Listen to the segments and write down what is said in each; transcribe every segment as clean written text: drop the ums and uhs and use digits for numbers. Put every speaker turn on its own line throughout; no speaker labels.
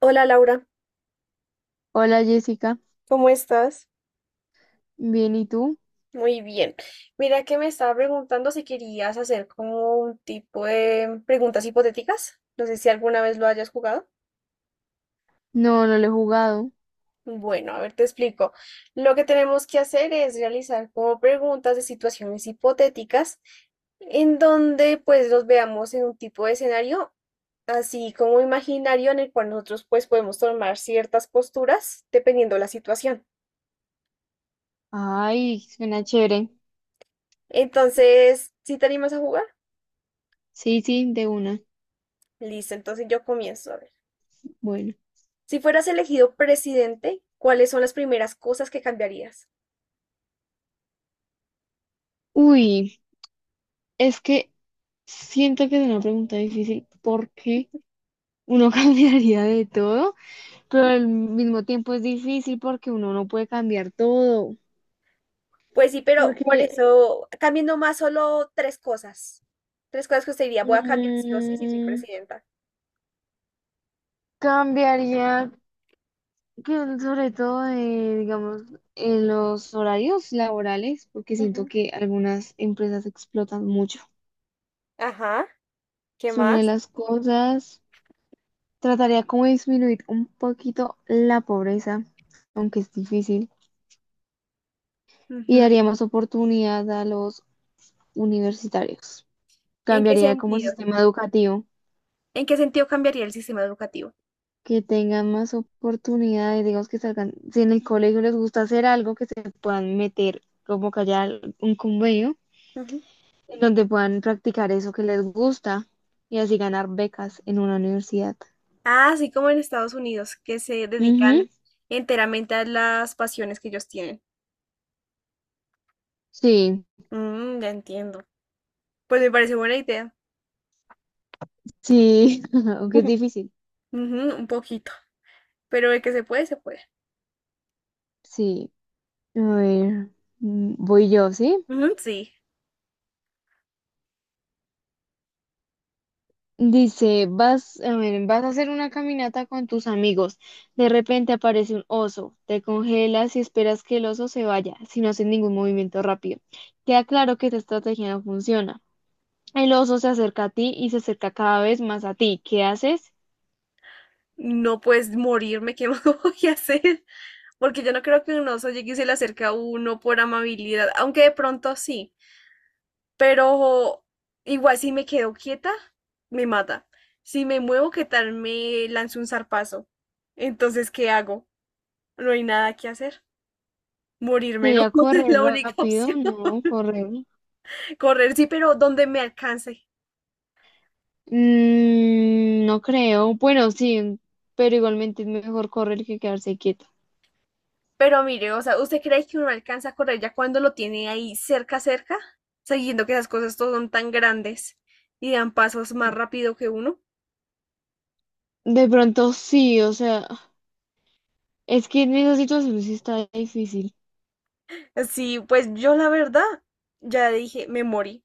Hola Laura,
Hola Jessica,
¿cómo estás?
bien, ¿y tú?
Muy bien. Mira que me estaba preguntando si querías hacer como un tipo de preguntas hipotéticas. No sé si alguna vez lo hayas jugado.
No, no lo he jugado.
Bueno, a ver, te explico. Lo que tenemos que hacer es realizar como preguntas de situaciones hipotéticas en donde pues los veamos en un tipo de escenario así como imaginario en el cual nosotros pues podemos tomar ciertas posturas dependiendo la situación.
Ay, suena chévere.
Entonces, ¿si te animas a jugar?
Sí, sí, de una.
Listo, entonces yo comienzo. A ver.
Bueno.
Si fueras elegido presidente, ¿cuáles son las primeras cosas que cambiarías?
Uy, es que siento que es una pregunta difícil porque uno cambiaría de todo, pero
Ujú.
al mismo tiempo es difícil porque uno no puede cambiar todo.
Pues sí, pero por
Porque
eso cambien nomás solo tres cosas. Tres cosas que usted diría, voy a cambiar sí o sí si soy
mm,
presidenta.
cambiaría que, sobre todo, de, digamos, en los horarios laborales, porque siento
Ujú.
que algunas empresas explotan mucho.
Ajá, ¿qué
Es una de
más?
las cosas. Trataría como de disminuir un poquito la pobreza, aunque es difícil, y
Ujú.
daría más oportunidad a los universitarios.
¿En qué
Cambiaría como el
sentido?
sistema educativo,
¿En qué sentido cambiaría el sistema educativo?
que tengan más oportunidades, digamos que salgan, si en el colegio les gusta hacer algo, que se puedan meter, como que haya un convenio
Ujú.
en donde puedan practicar eso que les gusta y así ganar becas en una universidad.
Ah, así como en Estados Unidos, que se
Ujú,
dedican enteramente a las pasiones que ellos tienen.
sí,
Mm, ya entiendo. Pues me parece buena idea.
sí, aunque es difícil,
Ujú, un poquito. Pero de que se puede, se puede.
sí. A ver, voy yo, ¿sí?
Ujú, sí.
Dice, a ver, vas a hacer una caminata con tus amigos. De repente aparece un oso. Te congelas y esperas que el oso se vaya, sin hacer ningún movimiento rápido. Queda claro que esta estrategia no funciona. El oso se acerca a ti y se acerca cada vez más a ti. ¿Qué haces?
No puedes morirme, ¿qué más voy a hacer? Porque yo no creo que un oso llegue y se le acerque a uno por amabilidad, aunque de pronto sí. Pero igual si me quedo quieta, me mata. Si me muevo, ¿qué tal me lanzo un zarpazo? Entonces, ¿qué hago? No hay nada que hacer. Morirme no
¿Sería
es
correr
la única
rápido?
opción.
No, correr.
Correr sí, pero donde me alcance.
Mm, no creo. Bueno, sí, pero igualmente es mejor correr que quedarse quieto.
Pero mire, o sea, ¿usted cree que uno alcanza a correr ya cuando lo tiene ahí cerca, cerca? Sabiendo que esas cosas todas son tan grandes y dan pasos más rápido que uno.
De pronto sí, o sea. Es que en esa situación sí está difícil.
Sí, pues yo la verdad ya dije, me morí.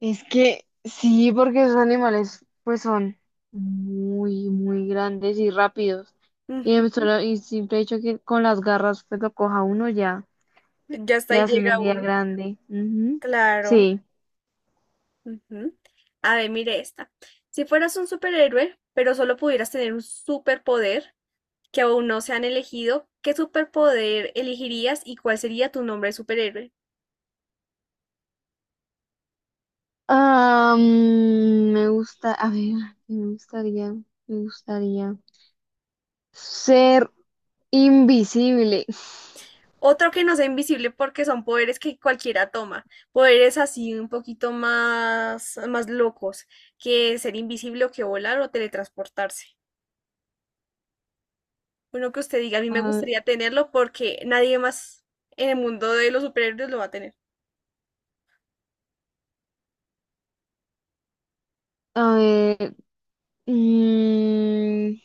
Es que sí, porque esos animales pues son muy, muy grandes y rápidos. Y el
Ujú,
solo, y simple hecho que con las garras pues lo coja uno ya,
ya hasta
le
ahí
hace una
llega
herida
uno.
grande. Ujú.
Claro.
Sí.
Ujú. A ver, mire esta. Si fueras un superhéroe, pero solo pudieras tener un superpoder que aún no se han elegido, ¿qué superpoder elegirías y cuál sería tu nombre de superhéroe?
Ah, me gusta, a ver, me gustaría, me gustaría ser invisible.
Otro que no sea invisible porque son poderes que cualquiera toma, poderes así un poquito más, más locos que ser invisible o que volar o teletransportarse. Uno que usted diga, a mí me gustaría tenerlo porque nadie más en el mundo de los superhéroes lo va a tener.
Ah, mm,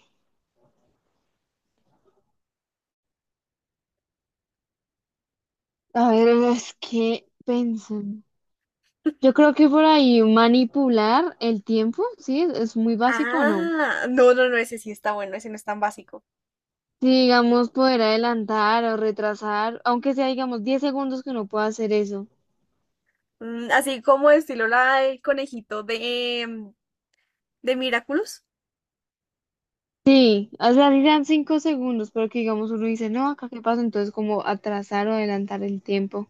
A ver, es que pensan. Yo creo que por ahí manipular el tiempo, sí, es muy básico, ¿o no?
Ah, no, no, no, ese sí está bueno, ese no es tan básico.
Si digamos poder adelantar o retrasar, aunque sea digamos 10 segundos, que uno pueda hacer eso.
Mm, así como estilo la del conejito de Miraculous.
Sí, o sea, dirán 5 segundos, pero que digamos uno dice, no, acá qué pasa, entonces como atrasar o adelantar el tiempo.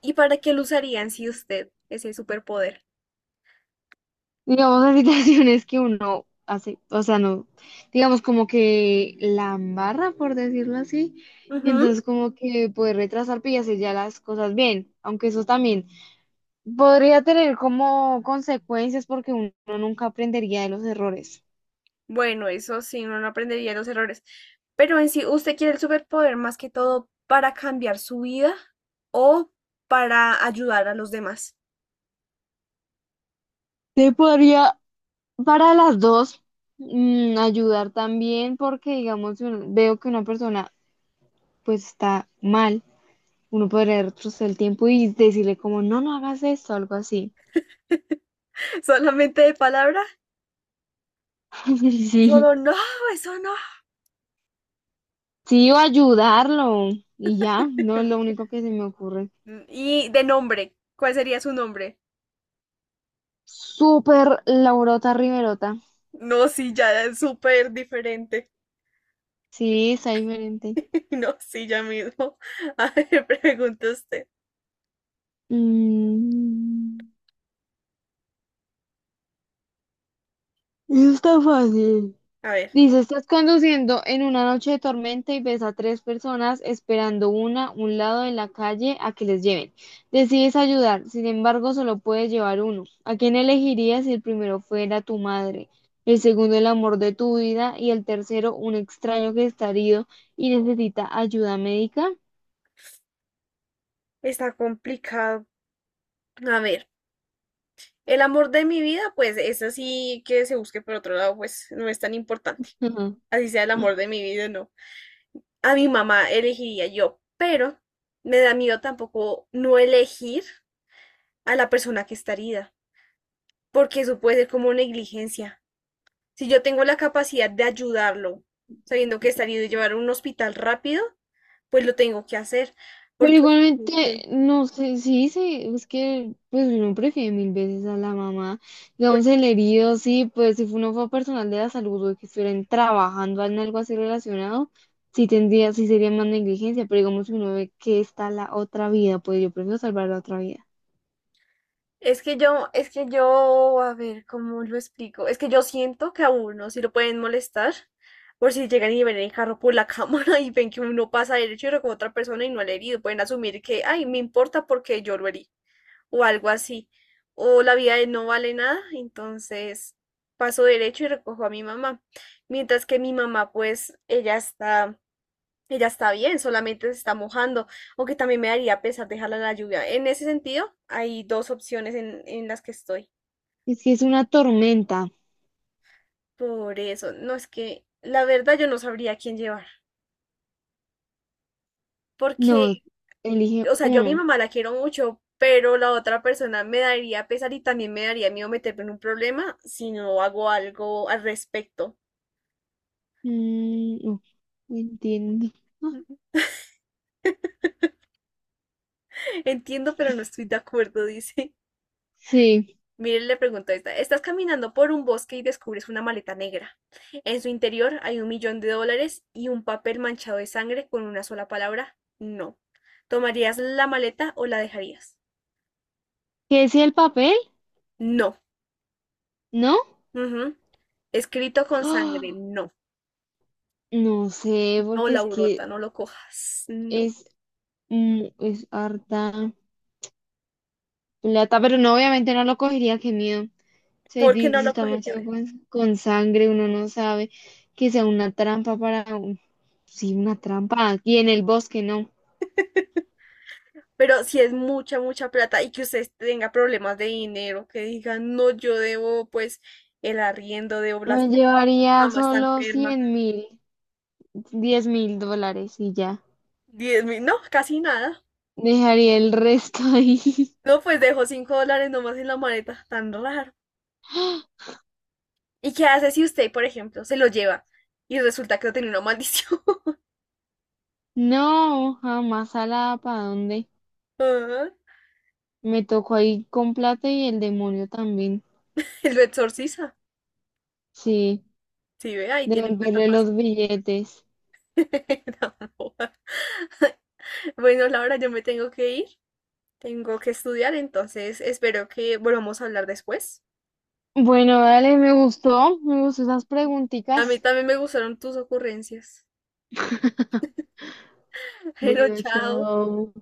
¿Y para qué lo usarían si usted ese superpoder?
Digamos, las situaciones que uno hace, o sea, no, digamos como que la embarra, por decirlo así, y
Ujú.
entonces como que puede retrasar pues, y hacer ya las cosas bien, aunque eso también podría tener como consecuencias porque uno nunca aprendería de los errores.
Bueno, eso sí, uno no aprendería los errores. Pero en sí, ¿usted quiere el superpoder más que todo para cambiar su vida o para ayudar a los demás?
Te podría, para las dos, ayudar también porque, digamos, si uno- veo que una persona pues está mal, uno podría retroceder el tiempo y decirle como, no, no hagas esto, algo así.
¿Solamente de palabra?
Sí.
Solo no, eso no.
Sí, o ayudarlo. Y ya, no es lo único que se me ocurre.
Y de nombre, ¿cuál sería su nombre?
Súper Laurota Riverota.
No, sí, ya es súper diferente.
Sí, está diferente.
No, sí, ya mismo. A ver, pregunta usted.
Mm, Eso está fácil.
A ver,
Dice, estás conduciendo en una noche de tormenta y ves a tres personas esperando una a un lado de la calle a que les lleven. Decides ayudar, sin embargo, solo puedes llevar uno. ¿A quién elegirías si el primero fuera tu madre, el segundo el amor de tu vida y el tercero un extraño que está herido y necesita ayuda médica?
está complicado. A ver, el amor de mi vida, pues eso sí que se busque por otro lado, pues no es tan importante. Así sea el amor de mi vida, no. A mi mamá elegiría yo, pero me da miedo tampoco no elegir a la persona que está herida, porque eso puede ser como negligencia. Si yo tengo la capacidad de ayudarlo, sabiendo que está herido y llevarlo a un hospital rápido, pues lo tengo que hacer,
Pero
porque
igualmente, no sé, sí, sí, es que pues uno prefiere mil veces a la mamá.
pues,
Digamos, el herido, sí, pues si uno fue personal de la salud o que estuvieran trabajando en algo así relacionado, sí tendría, sí sería más negligencia, pero digamos, si uno ve que está la otra vida, pues yo prefiero salvar la otra vida.
es que yo, a ver, ¿cómo lo explico? Es que yo siento que a uno si lo pueden molestar por si llegan y ven el carro por la cámara y ven que uno pasa derecho y recoge a otra persona y no le ha herido. Pueden asumir que, ay, me importa porque yo lo herí o algo así. O la vida de él no vale nada, entonces paso derecho y recojo a mi mamá. Mientras que mi mamá, pues, ella está bien, solamente se está mojando, aunque también me daría pesar dejarla en la lluvia. En ese sentido, hay dos opciones en las que estoy.
Es que es una tormenta.
Por eso, no es que la verdad yo no sabría a quién llevar. Porque,
No, elige
o sea, yo a mi
uno.
mamá la quiero mucho, pero la otra persona me daría pesar y también me daría miedo meterme en un problema si no hago algo al respecto.
No, no entiendo. Ah,
Entiendo, pero no estoy de acuerdo, dice.
sí.
Miren, le preguntó a esta, estás caminando por un bosque y descubres una maleta negra. En su interior hay 1 millón de dólares y un papel manchado de sangre con una sola palabra, no. ¿Tomarías la maleta o la dejarías?
¿Qué decía el papel?
No.
¿No?
Ujú. Escrito con sangre,
Ah,
no.
no sé,
No,
porque es
Laurota,
que
no lo cojas. No.
Es, es harta plata, pero no, obviamente no lo cogería, qué miedo. Se
¿Por qué
dice,
no
si
lo
está
cogería? A
manchado
ver.
con, sangre, uno no sabe que sea una trampa para un... Sí, una trampa aquí en el bosque, no.
Pero si es mucha, mucha plata y que usted tenga problemas de dinero, que diga, no, yo debo pues el arriendo, debo las
Me
facturas, mi
llevaría
mamá está
solo
enferma.
100.000, $10.000 y ya.
10.000, no, casi nada.
Dejaría el resto ahí.
No, pues dejó 5 dólares nomás en la maleta, tan raro. ¿Y qué hace si usted, por ejemplo, se lo lleva y resulta que no tiene una maldición?
No, jamás a la para dónde.
Ajá,
Me tocó ahí con plata y el demonio también.
y lo exorciza.
Sí,
Sí, ve, ahí tiene plata
devolverle
fácil.
los billetes.
No, joda. Bueno, Laura, yo me tengo que ir, tengo que estudiar, entonces espero que volvamos a hablar después.
Bueno, dale, me gustó esas
A mí
preguntitas.
también me gustaron tus ocurrencias. Pero
Bueno,
chao.
chao.